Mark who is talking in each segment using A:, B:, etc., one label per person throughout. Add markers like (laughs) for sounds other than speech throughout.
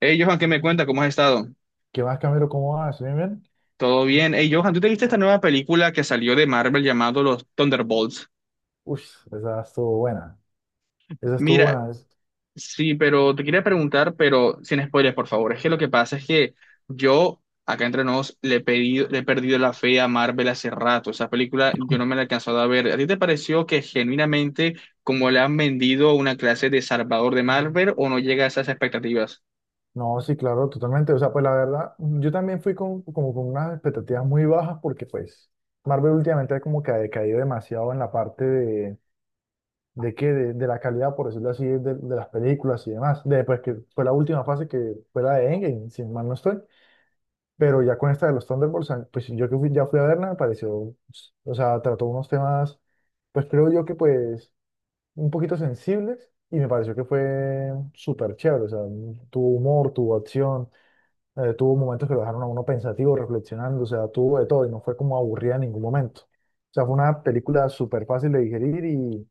A: Hey, Johan, ¿qué me cuenta? ¿Cómo has estado?
B: ¿Qué más, Camilo? ¿Cómo vas? ¿Bien, bien?
A: ¿Todo bien? Hey, Johan, ¿tú te viste esta nueva película que salió de Marvel llamado Los Thunderbolts?
B: Uy, esa estuvo buena. Esa estuvo
A: Mira,
B: buena.
A: sí, pero te quería preguntar, pero sin spoilers, por favor. Es que lo que pasa es que yo, acá entre nos, le he pedido, le he perdido la fe a Marvel hace rato. Esa película yo no me la he alcanzado a ver. ¿A ti te pareció que genuinamente como le han vendido una clase de salvador de Marvel o no llega a esas expectativas?
B: No, sí, claro, totalmente. O sea, pues la verdad, yo también fui como con unas expectativas muy bajas porque pues Marvel últimamente como que ha decaído demasiado en la parte de la calidad, por decirlo así, de las películas y demás. Después que fue la última fase que fue la de Endgame, sin mal no estoy. Pero ya con esta de los Thunderbolts, pues ya fui a verla, me pareció, o sea, trató unos temas, pues creo yo que pues un poquito sensibles y me pareció que fue súper chévere, o sea, tuvo humor, tuvo acción, tuvo momentos que lo dejaron a uno pensativo, reflexionando, o sea, tuvo de todo y no fue como aburrida en ningún momento. O sea, fue una película súper fácil de digerir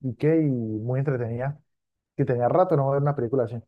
B: y qué, y muy entretenida, que tenía rato no ver una película así.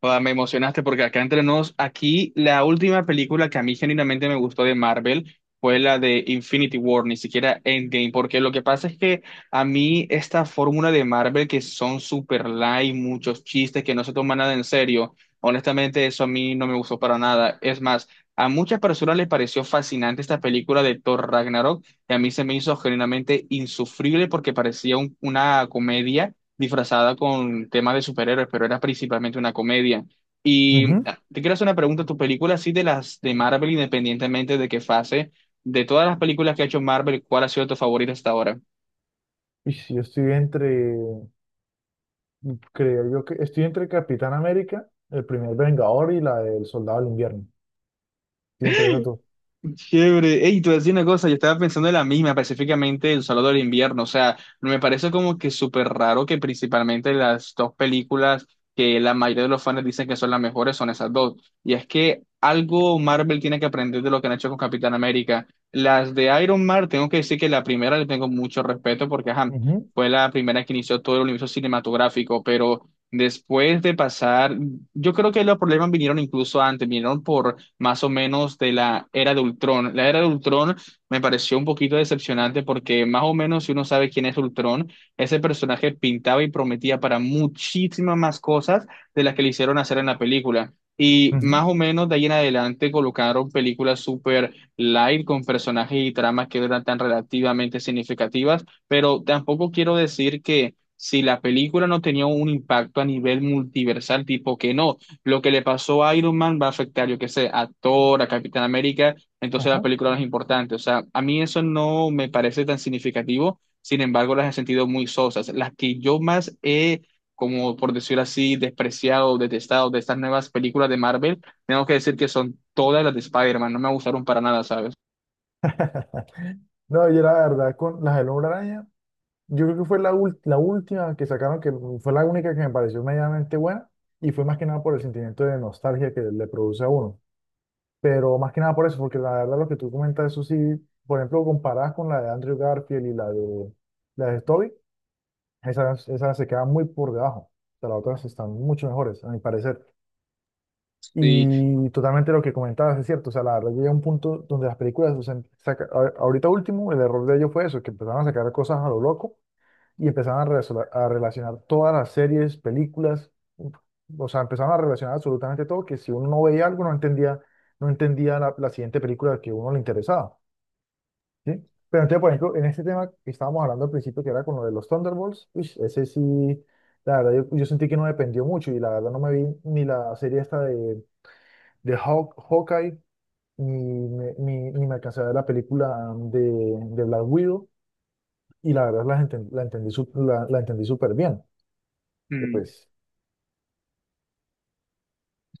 A: Joda, me emocionaste porque acá entre nos, aquí la última película que a mí genuinamente me gustó de Marvel fue la de Infinity War, ni siquiera Endgame, porque lo que pasa es que a mí esta fórmula de Marvel que son super light, muchos chistes que no se toman nada en serio, honestamente eso a mí no me gustó para nada. Es más, a muchas personas les pareció fascinante esta película de Thor Ragnarok y a mí se me hizo genuinamente insufrible porque parecía una comedia disfrazada con temas de superhéroes, pero era principalmente una comedia. Y
B: Ujú.
A: ah, te quiero hacer una pregunta, ¿tu película así de las de Marvel, independientemente de qué fase, de todas las películas que ha hecho Marvel, cuál ha sido tu favorita hasta ahora?
B: Y si yo estoy entre, creo yo que estoy entre Capitán América, el primer Vengador y la del Soldado del Invierno. Estoy entre esas dos.
A: Chévere. Ey, te voy a decir una cosa, yo estaba pensando en la misma, específicamente El Salón del Invierno. O sea, me parece como que súper raro que principalmente las dos películas que la mayoría de los fans dicen que son las mejores son esas dos. Y es que algo Marvel tiene que aprender de lo que han hecho con Capitán América. Las de Iron Man, tengo que decir que la primera le tengo mucho respeto porque ajá,
B: Ujú,
A: fue la primera que inició todo el universo cinematográfico, pero después de pasar, yo creo que los problemas vinieron incluso antes, vinieron por más o menos de la era de Ultron. La era de Ultron me pareció un poquito decepcionante porque más o menos si uno sabe quién es Ultron, ese personaje pintaba y prometía para muchísimas más cosas de las que le hicieron hacer en la película. Y más
B: ujú,
A: o menos de ahí en adelante colocaron películas super light con personajes y tramas que no eran tan relativamente significativas, pero tampoco quiero decir que si la película no tenía un impacto a nivel multiversal, tipo que no, lo que le pasó a Iron Man va a afectar, yo qué sé, a Thor, a Capitán América, entonces la película no es importante. O sea, a mí eso no me parece tan significativo, sin embargo, las he sentido muy sosas. Las que yo más he, como por decirlo así, despreciado, detestado de estas nuevas películas de Marvel, tengo que decir que son todas las de Spider-Man, no me gustaron para nada, ¿sabes?
B: ajá. No, yo la verdad, con las del Hombre Araña, yo creo que fue la última que sacaron, que fue la única que me pareció medianamente buena, y fue más que nada por el sentimiento de nostalgia que le produce a uno. Pero más que nada por eso, porque la verdad lo que tú comentas, eso sí, por ejemplo, comparadas con la de Andrew Garfield y la de Toby, esas se quedan muy por debajo. Pero las otras están mucho mejores, a mi parecer.
A: Sí.
B: Y totalmente lo que comentabas es cierto, o sea, la verdad llega un punto donde las películas, o sea, ahorita último, el error de ellos fue eso, que empezaron a sacar cosas a lo loco y empezaron a relacionar todas las series, películas, o sea, empezaron a relacionar absolutamente todo, que si uno no veía algo, no entendía, no entendía la siguiente película que a uno le interesaba, ¿sí? Pero entonces, por ejemplo, en este tema que estábamos hablando al principio, que era con lo de los Thunderbolts, uish, ese sí, la verdad, yo sentí que no dependió mucho y la verdad no me vi ni la serie esta de Hawkeye, ni me alcancé a ver la película de Black Widow y la verdad la entendí, la entendí súper bien. que,
A: Mm.
B: Pues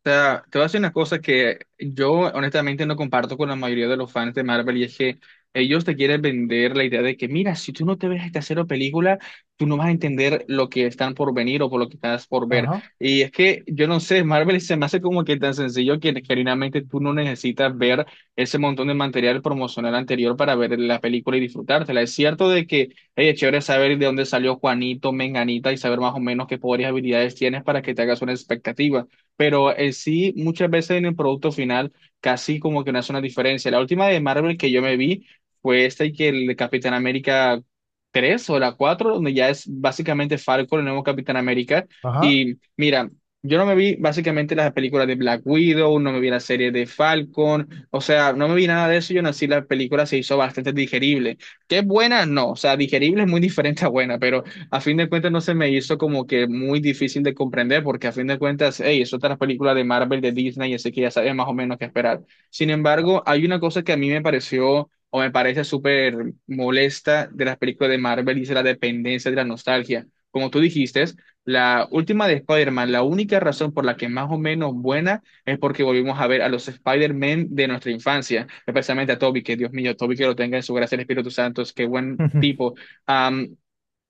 A: Sea, te voy a decir una cosa que yo honestamente no comparto con la mayoría de los fans de Marvel y es que ellos te quieren vender la idea de que, mira, si tú no te ves esta cero película, tú no vas a entender lo que están por venir o por lo que estás por ver.
B: ajá,
A: Y es que yo no sé, Marvel se me hace como que tan sencillo que genuinamente tú no necesitas ver ese montón de material promocional anterior para ver la película y disfrutártela. Es cierto de que, hey, es chévere saber de dónde salió Juanito, Menganita y saber más o menos qué poderes y habilidades tienes para que te hagas una expectativa pero en sí muchas veces en el producto final casi como que no hace una diferencia. La última de Marvel que yo me vi fue esta y que el de Capitán América 3 o la 4 donde ya es básicamente Falcon, el nuevo Capitán América.
B: ajá.
A: Y mira, yo no me vi básicamente las películas de Black Widow, no me vi la serie de Falcon, o sea, no me vi nada de eso, yo nací, la película se hizo bastante digerible. ¿Qué buena? No, o sea, digerible es muy (laughs) diferente a buena, pero a fin de cuentas no se me hizo como que muy difícil de comprender, porque a fin de cuentas, hey, es otra película de Marvel, de Disney, así que ya sabes más o menos qué esperar. Sin embargo, hay una cosa que a mí me pareció o me parece súper molesta de las películas de Marvel y es la dependencia de la nostalgia. Como tú dijiste, la última de Spider-Man, la única razón por la que más o menos buena es porque volvimos a ver a los Spider-Man de nuestra infancia, especialmente a Toby, que Dios mío, Toby que lo tenga en su gracia el Espíritu Santo, es qué buen tipo.
B: (laughs)
A: Am,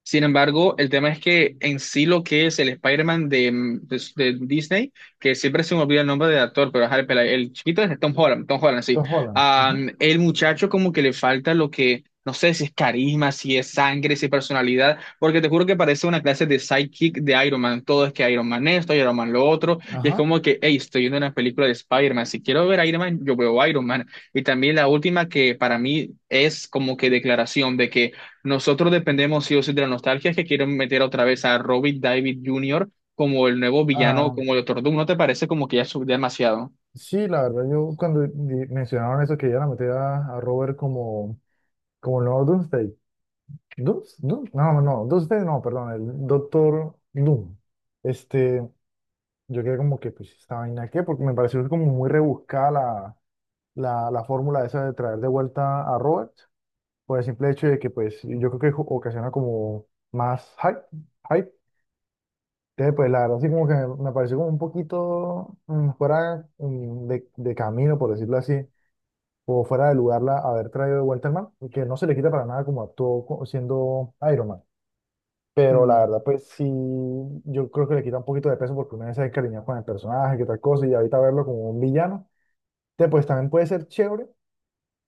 A: sin embargo, el tema es que en sí lo que es el Spider-Man de, de Disney, que siempre se me olvida el nombre del actor, pero ajá, el, el chiquito es Tom Holland, Tom Holland, sí.
B: Tom Holland. Ujú,
A: El muchacho como que le falta lo que, no sé si es carisma, si es sangre, si es personalidad, porque te juro que parece una clase de sidekick de Iron Man. Todo es que Iron Man esto, Iron Man lo otro, y es
B: ajá.
A: como que, hey, estoy viendo una película de Spider-Man, si quiero ver a Iron Man, yo veo a Iron Man. Y también la última que para mí es como que declaración de que nosotros dependemos sí o sí de la nostalgia que quieren meter otra vez a Robert David Jr. como el nuevo villano,
B: Ah,
A: como el Doctor Doom. ¿No te parece como que ya es demasiado?
B: sí, la verdad, yo cuando mencionaron eso, que ya la meter a Robert como, como el nuevo Doomsday. No, no, no, Doomsday no, perdón, el Doctor Doom. Este, yo quedé como que, pues, ¿esta vaina qué? Porque me pareció como muy rebuscada la fórmula esa de traer de vuelta a Robert, por el simple hecho de que, pues, yo creo que ocasiona como más hype, hype. Entonces, pues la verdad, así como que me pareció como un poquito fuera, de camino, por decirlo así, o fuera de lugar haber traído de vuelta al man, y que no se le quita para nada como siendo Iron Man. Pero la
A: Mm.
B: verdad, pues sí, yo creo que le quita un poquito de peso porque uno ya se encariñó con el personaje, que tal cosa, y ahorita verlo como un villano, entonces, pues también puede ser chévere,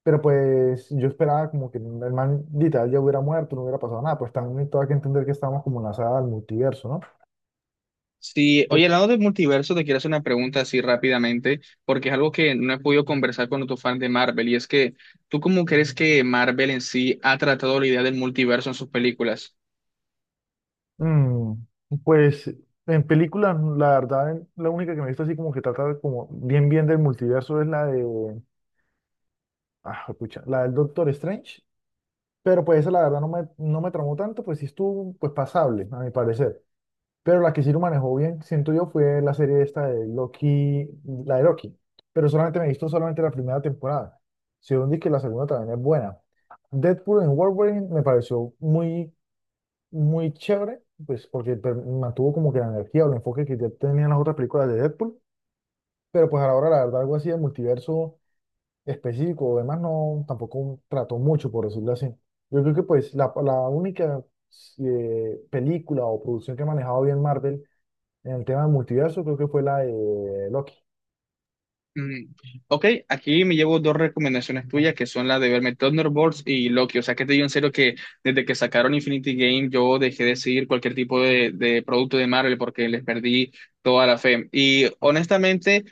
B: pero pues yo esperaba como que el man literal ya hubiera muerto, no hubiera pasado nada, pues también todo hay que entender que estamos como en la saga del multiverso,
A: Sí,
B: ¿no?
A: oye, hablando del multiverso, te quiero hacer una pregunta así rápidamente, porque es algo que no he podido conversar con otro fan de Marvel, y es que, ¿tú cómo crees que Marvel en sí ha tratado la idea del multiverso en sus películas?
B: Mm, pues en películas, la verdad, la única que me he visto así como que trata de como bien bien del multiverso es la de, ah, pucha, la del Doctor Strange, pero pues esa la verdad no me tramó tanto, pues sí estuvo pues pasable, a mi parecer. Pero la que sí lo manejó bien, siento yo, fue la serie esta de Loki, la de Loki, pero solamente me he visto solamente la primera temporada. Según dije, la segunda también es buena. Deadpool en Wolverine me pareció muy chévere, pues porque mantuvo como que la energía o el enfoque que ya tenían las otras películas de Deadpool, pero pues a la hora, la verdad, algo así de multiverso específico o demás no, tampoco trató mucho, por decirlo así. Yo creo que pues la única película o producción que ha manejado bien Marvel en el tema de multiverso creo que fue la de Loki.
A: Mm. Ok, aquí me llevo dos recomendaciones tuyas que son la de verme Thunderbolts y Loki. O sea, que te digo en serio que desde que sacaron Infinity Game yo dejé de seguir cualquier tipo de producto de Marvel porque les perdí toda la fe. Y honestamente,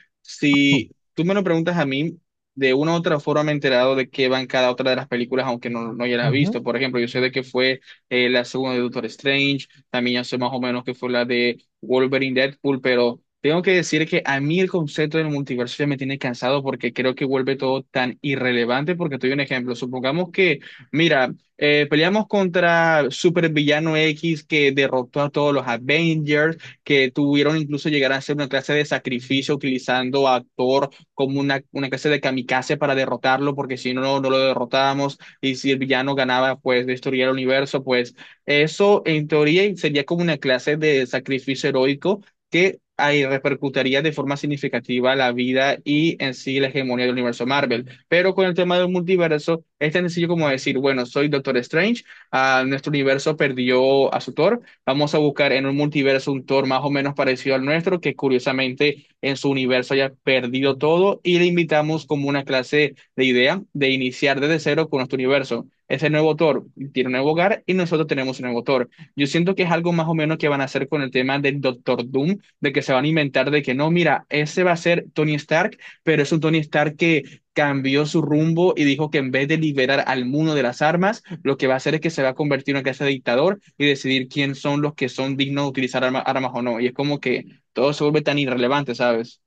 B: Hmm.
A: si tú me lo preguntas a mí, de una u otra forma me he enterado de qué van cada otra de las películas, aunque no, no ya las he visto.
B: Ujú.
A: Por ejemplo, yo sé de qué fue la segunda de Doctor Strange, también ya sé más o menos que fue la de Wolverine Deadpool, pero tengo que decir que a mí el concepto del multiverso ya me tiene cansado porque creo que vuelve todo tan irrelevante. Porque te doy un ejemplo. Supongamos que, mira, peleamos contra Supervillano X que derrotó a todos los Avengers, que tuvieron incluso llegar a hacer una clase de sacrificio utilizando a Thor como una clase de kamikaze para derrotarlo, porque si no, no lo derrotábamos. Y si el villano ganaba, pues destruía el universo, pues. Eso, en teoría, sería como una clase de sacrificio heroico que ahí repercutiría de forma significativa la vida y en sí la hegemonía del universo Marvel. Pero con el tema del multiverso, es tan sencillo como decir, bueno, soy Doctor Strange, ah, nuestro universo perdió a su Thor, vamos a buscar en un multiverso un Thor más o menos parecido al nuestro, que curiosamente en su universo haya perdido todo, y le invitamos como una clase de idea de iniciar desde cero con nuestro universo. Ese nuevo autor tiene un nuevo hogar y nosotros tenemos un nuevo autor. Yo siento que es algo más o menos que van a hacer con el tema del Doctor Doom, de que se van a inventar de que no, mira, ese va a ser Tony Stark, pero es un Tony Stark que cambió su rumbo y dijo que en vez de liberar al mundo de las armas, lo que va a hacer es que se va a convertir en una clase de dictador y decidir quién son los que son dignos de utilizar armas o no. Y es como que todo se vuelve tan irrelevante, ¿sabes?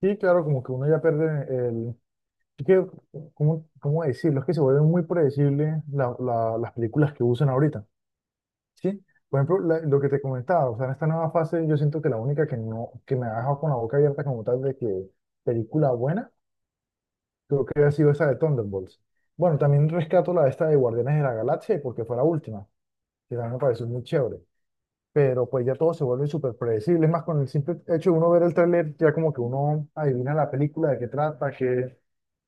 B: Sí, claro, como que uno ya pierde el... es que, ¿cómo, cómo decirlo? Es que se vuelven muy predecibles las películas que usan ahorita. ¿Sí? Por ejemplo, lo que te comentaba, o sea, en esta nueva fase yo siento que la única que no, que me ha dejado con la boca abierta como tal de que película buena, creo que ha sido esa de Thunderbolts. Bueno, también rescato la de esta de Guardianes de la Galaxia porque fue la última, que también me pareció muy chévere. Pero pues ya todo se vuelve súper predecible, es más con el simple hecho de uno ver el tráiler, ya como que uno adivina la película, de qué trata, qué,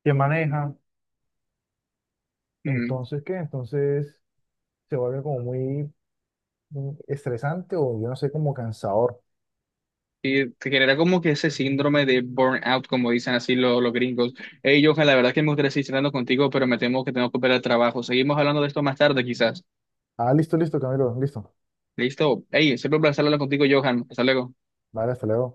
B: qué maneja.
A: Mm.
B: Entonces, ¿qué? Entonces se vuelve como muy estresante o yo no sé, como cansador.
A: Y te genera como que ese síndrome de burnout, como dicen así los, gringos. Hey, Johan, la verdad que me gustaría seguir hablando contigo, pero me temo que tengo que operar al trabajo. Seguimos hablando de esto más tarde, quizás.
B: Ah, listo, listo, Camilo, listo.
A: ¿Listo? Hey, siempre un placer hablar contigo, Johan. Hasta luego.
B: Vale, hasta luego.